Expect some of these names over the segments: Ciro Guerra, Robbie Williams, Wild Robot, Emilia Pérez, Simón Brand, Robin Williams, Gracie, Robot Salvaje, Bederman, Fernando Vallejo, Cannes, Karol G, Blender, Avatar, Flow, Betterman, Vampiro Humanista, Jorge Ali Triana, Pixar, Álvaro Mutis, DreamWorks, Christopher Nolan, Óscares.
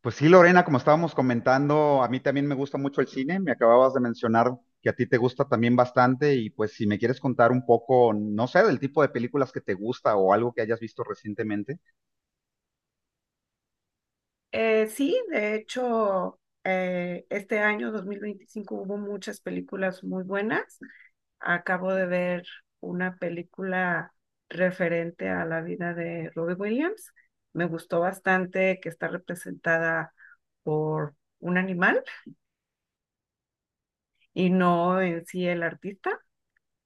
Pues sí, Lorena, como estábamos comentando, a mí también me gusta mucho el cine. Me acababas de mencionar que a ti te gusta también bastante y pues si me quieres contar un poco, no sé, del tipo de películas que te gusta o algo que hayas visto recientemente. Sí, de hecho, este año 2025 hubo muchas películas muy buenas. Acabo de ver una película referente a la vida de Robbie Williams. Me gustó bastante que está representada por un animal y no en sí el artista.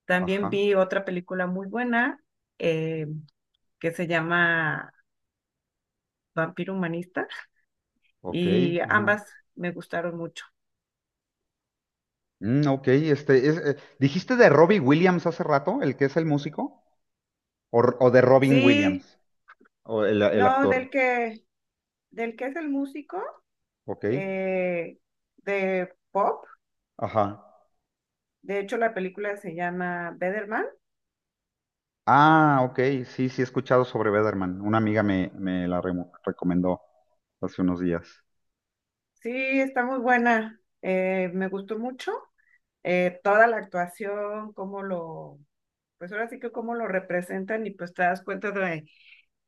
También Ajá, vi otra película muy buena, eh, que se llama Vampiro Humanista, ok, y ajá. ambas me gustaron mucho. Ok, este, es, ¿dijiste de Robbie Williams hace rato, el que es el músico? ¿O, o de Robin Sí. Williams, o el No, actor? Del que es el músico, Ok, eh, de pop. ajá. De hecho, la película se llama Betterman. Ah, ok, sí, sí he escuchado sobre Bederman. Una amiga me la recomendó hace unos días. Sí, está muy buena. Me gustó mucho, toda la actuación, pues ahora sí que cómo lo representan, y pues te das cuenta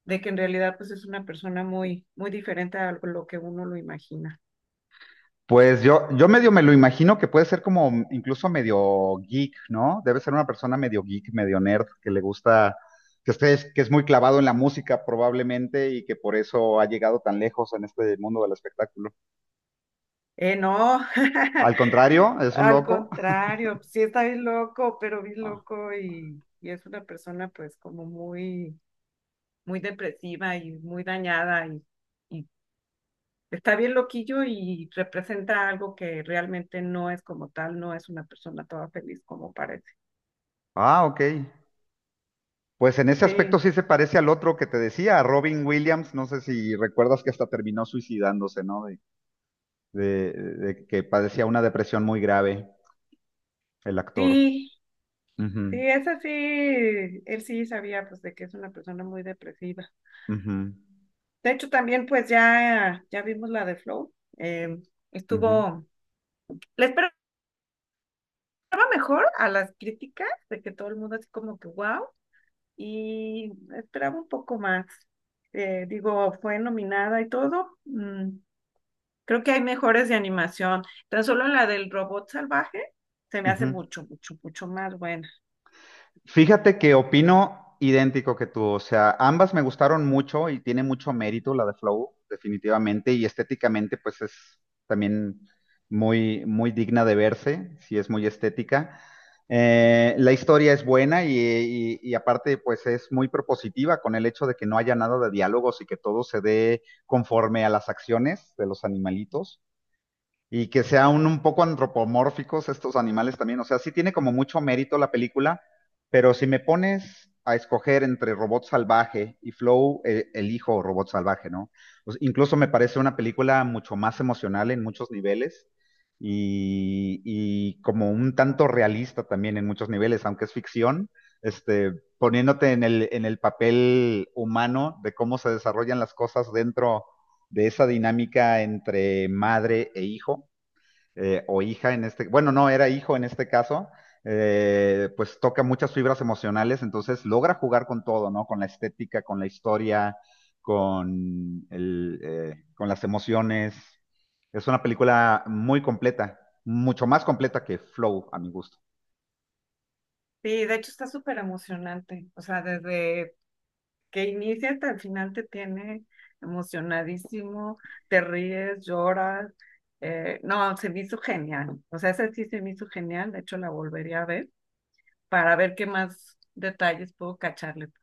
de que en realidad pues es una persona muy, muy diferente a lo que uno lo imagina. Pues yo medio me lo imagino que puede ser como incluso medio geek, ¿no? Debe ser una persona medio geek, medio nerd, que le gusta, que esté, que es muy clavado en la música probablemente y que por eso ha llegado tan lejos en este mundo del espectáculo. No, Al contrario, es un al loco. contrario, sí está bien loco, pero bien Ah, loco, y es una persona pues como muy muy depresiva y muy dañada, y está bien loquillo y representa algo que realmente no es como tal, no es una persona toda feliz como parece. ah, ok. Pues en ese aspecto Sí, sí se parece al otro que te decía, a Robin Williams. No sé si recuerdas que hasta terminó suicidándose, ¿no? De, de que padecía una depresión muy grave, el actor. sí, sí, Ujú, es así. Él sí sabía pues de que es una persona muy depresiva. ujú, De hecho, también pues ya, ya vimos la de Flow. eh, ujú. Estuvo, le esperaba mejor a las críticas de que todo el mundo así como que wow, y esperaba un poco más. Digo, fue nominada y todo. Mm, creo que hay mejores de animación. Tan solo la del robot salvaje se me Ujú. hace mucho, mucho, mucho más buena. Fíjate que opino idéntico que tú, o sea, ambas me gustaron mucho y tiene mucho mérito la de Flow, definitivamente, y estéticamente pues es también muy, muy digna de verse, sí es muy estética. La historia es buena y aparte pues es muy propositiva con el hecho de que no haya nada de diálogos y que todo se dé conforme a las acciones de los animalitos. Y que sean un poco antropomórficos estos animales también. O sea, sí tiene como mucho mérito la película, pero si me pones a escoger entre Robot Salvaje y Flow, elijo Robot Salvaje, ¿no? O sea, incluso me parece una película mucho más emocional en muchos niveles y como un tanto realista también en muchos niveles, aunque es ficción, este, poniéndote en en el papel humano de cómo se desarrollan las cosas dentro de esa dinámica entre madre e hijo o hija en este, bueno, no, era hijo en este caso, pues toca muchas fibras emocionales, entonces logra jugar con todo, ¿no? Con la estética, con la historia, con, el, con las emociones. Es una película muy completa, mucho más completa que Flow, a mi gusto. Sí, de hecho está súper emocionante. O sea, desde que inicia hasta el final te tiene emocionadísimo, te ríes, lloras. No, se me hizo genial. O sea, esa sí se me hizo genial. De hecho, la volvería a ver, para ver qué más detalles puedo cacharle. Porque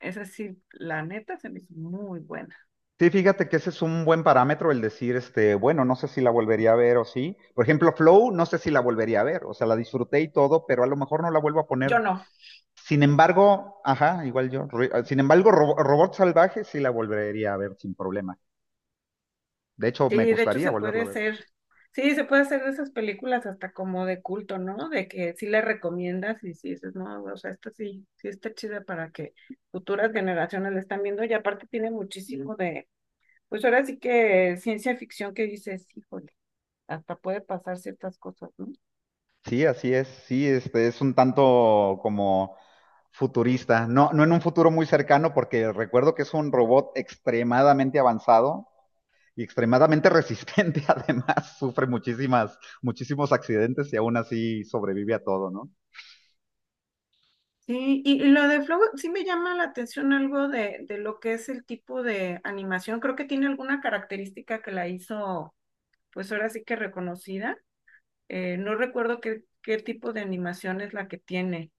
esa sí, la neta se me hizo muy buena. Sí, fíjate que ese es un buen parámetro el decir, este, bueno, no sé si la volvería a ver o sí. Por ejemplo, Flow, no sé si la volvería a ver, o sea, la disfruté y todo, pero a lo mejor no la vuelvo a Yo poner. no. Sin embargo, ajá, igual yo. Sin embargo, Robot Salvaje sí la volvería a ver sin problema. De hecho, me Sí, de hecho gustaría se volverla puede a ver. hacer, sí, se puede hacer de esas películas hasta como de culto, ¿no? De que sí le recomiendas y sí dices, no, o sea, esta sí, sí está chida para que futuras generaciones la están viendo, y aparte tiene muchísimo de, pues ahora sí que ciencia ficción, que dices, híjole, hasta puede pasar ciertas cosas, ¿no? Sí, así es. Sí, este es un tanto como futurista. No, no en un futuro muy cercano, porque recuerdo que es un robot extremadamente avanzado y extremadamente resistente. Además, sufre muchísimos accidentes y aún así sobrevive a todo, ¿no? Sí, y lo de Flow sí me llama la atención algo de lo que es el tipo de animación. Creo que tiene alguna característica que la hizo, pues ahora sí que reconocida. No recuerdo qué, qué tipo de animación es la que tiene.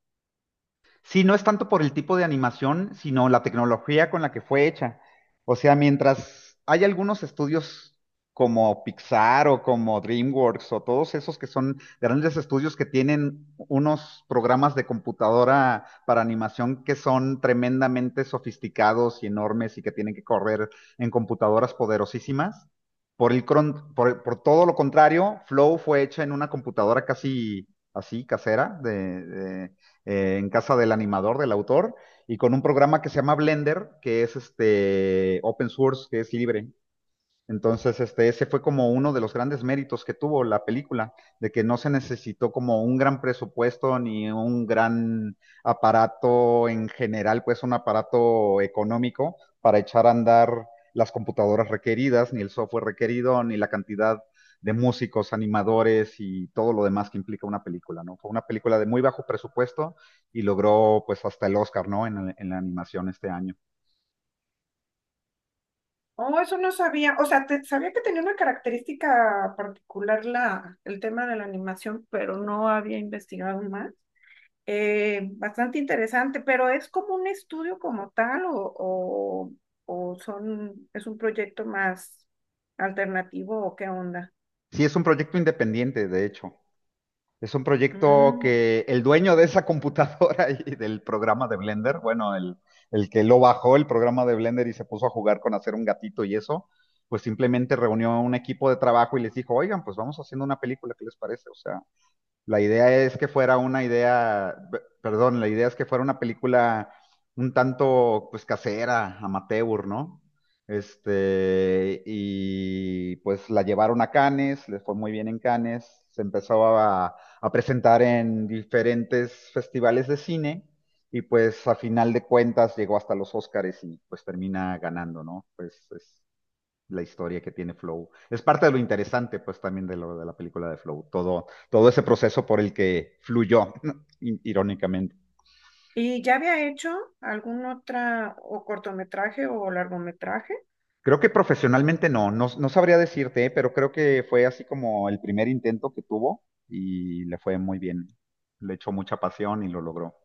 Sí, no es tanto por el tipo de animación, sino la tecnología con la que fue hecha. O sea, mientras hay algunos estudios como Pixar o como DreamWorks o todos esos que son grandes estudios que tienen unos programas de computadora para animación que son tremendamente sofisticados y enormes y que tienen que correr en computadoras poderosísimas. Por el por todo lo contrario, Flow fue hecha en una computadora casi así, casera, en casa del animador, del autor, y con un programa que se llama Blender, que es este open source, que es libre. Entonces, este, ese fue como uno de los grandes méritos que tuvo la película, de que no se necesitó como un gran presupuesto ni un gran aparato en general, pues un aparato económico para echar a andar las computadoras requeridas, ni el software requerido, ni la cantidad de músicos, animadores y todo lo demás que implica una película, ¿no? Fue una película de muy bajo presupuesto y logró pues hasta el Oscar, ¿no? En la animación este año. Oh, eso no sabía. O sea, sabía que tenía una característica particular el tema de la animación, pero no había investigado más. Bastante interesante, pero ¿es como un estudio como tal o son, es un proyecto más alternativo o qué onda? Sí, es un proyecto independiente, de hecho. Es un proyecto Mm. que el dueño de esa computadora y del programa de Blender, el que lo bajó el programa de Blender y se puso a jugar con hacer un gatito y eso, pues simplemente reunió a un equipo de trabajo y les dijo, oigan, pues vamos haciendo una película, ¿qué les parece? O sea, la idea es que fuera una idea, p- perdón, la idea es que fuera una película un tanto pues casera, amateur, ¿no? Este, y pues la llevaron a Cannes, les fue muy bien en Cannes, a presentar en diferentes festivales de cine y pues a final de cuentas llegó hasta los Óscares y pues termina ganando, ¿no? Pues es la historia que tiene Flow. Es parte de lo interesante, pues, también de la película de Flow, todo ese proceso por el que fluyó, irónicamente. ¿Y ya había hecho algún otra o cortometraje o largometraje? Creo que profesionalmente no sabría decirte, ¿eh? Pero creo que fue así como el primer intento que tuvo y le fue muy bien. Le echó mucha pasión y lo logró.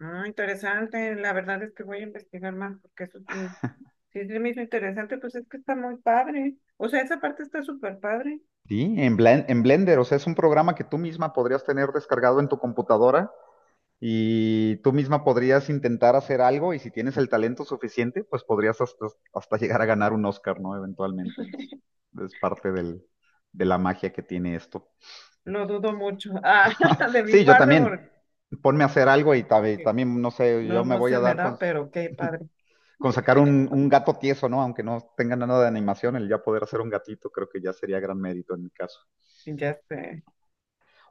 Ah, interesante, la verdad es que voy a investigar más porque eso sí, sí se me hizo interesante, pues es que está muy padre. O sea, esa parte está súper padre. Sí, en Blender, o sea, es un programa que tú misma podrías tener descargado en tu computadora y tú misma podrías intentar hacer algo y si tienes el talento suficiente, pues podrías hasta llegar a ganar un Oscar, ¿no? Eventualmente. Es parte de la magia que tiene esto. Lo dudo mucho. Ah, de mi Sí, yo parte también. porque Ponme a hacer algo y también, no sé, no, yo me no voy se a me dar con, da, pero qué padre. con sacar un gato tieso, ¿no? Aunque no tenga nada de animación, el ya poder hacer un gatito creo que ya sería gran mérito en mi caso. Ya sé.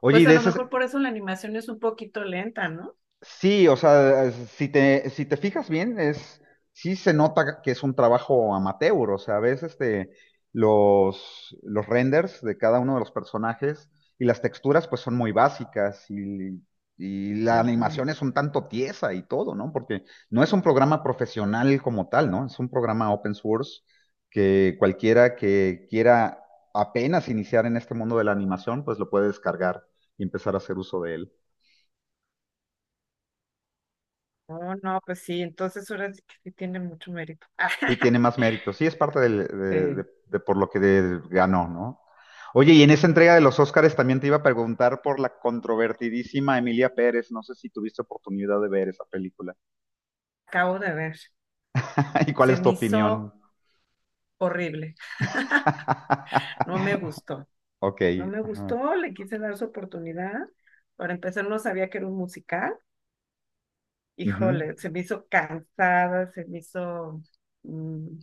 Oye, Pues y a de lo mejor ese, por eso la animación es un poquito lenta, ¿no? sí, o sea, si te fijas bien, es, sí se nota que es un trabajo amateur, o sea, ves este, los renders de cada uno de los personajes y las texturas pues son muy básicas y la animación Ujú. es un tanto tiesa y todo, ¿no? Porque no es un programa profesional como tal, ¿no? Es un programa open source que cualquiera que quiera apenas iniciar en este mundo de la animación pues lo puede descargar y empezar a hacer uso de él. Oh, no, pues sí, entonces ahora sí que sí tiene mucho mérito. Sí, tiene más mérito. Sí, es parte Sí. De por lo que ganó, ¿no? Oye, y en esa entrega de los Óscares también te iba a preguntar por la controvertidísima Emilia Pérez. No sé si tuviste oportunidad de ver esa película. Acabo de ver. ¿Y cuál Se es tu me opinión? hizo horrible. No me gustó. Ok. No me Ajá. gustó, le quise dar su oportunidad. Para empezar, no sabía que era un musical. Ujú. Híjole, se me hizo cansada, se me hizo, mm,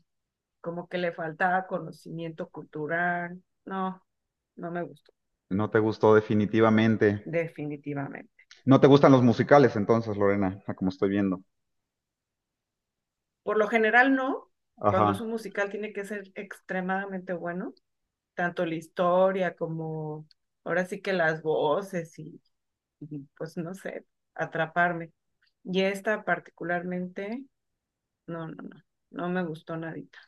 como que le faltaba conocimiento cultural. No, no me gustó, No te gustó definitivamente. definitivamente. No te gustan los musicales entonces, Lorena, como estoy viendo. Por lo general no, cuando es Ajá. un musical tiene que ser extremadamente bueno, tanto la historia como ahora sí que las voces y, pues no sé, atraparme. Y esta particularmente, no, no, no, no me gustó nadita.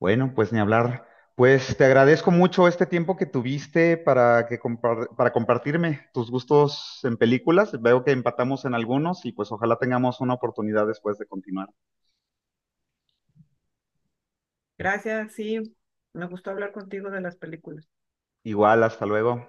Bueno, pues ni hablar. Pues te agradezco mucho este tiempo que tuviste para que para compartirme tus gustos en películas. Veo que empatamos en algunos y pues ojalá tengamos una oportunidad después de continuar. Gracias, sí, me gustó hablar contigo de las películas. Igual, hasta luego.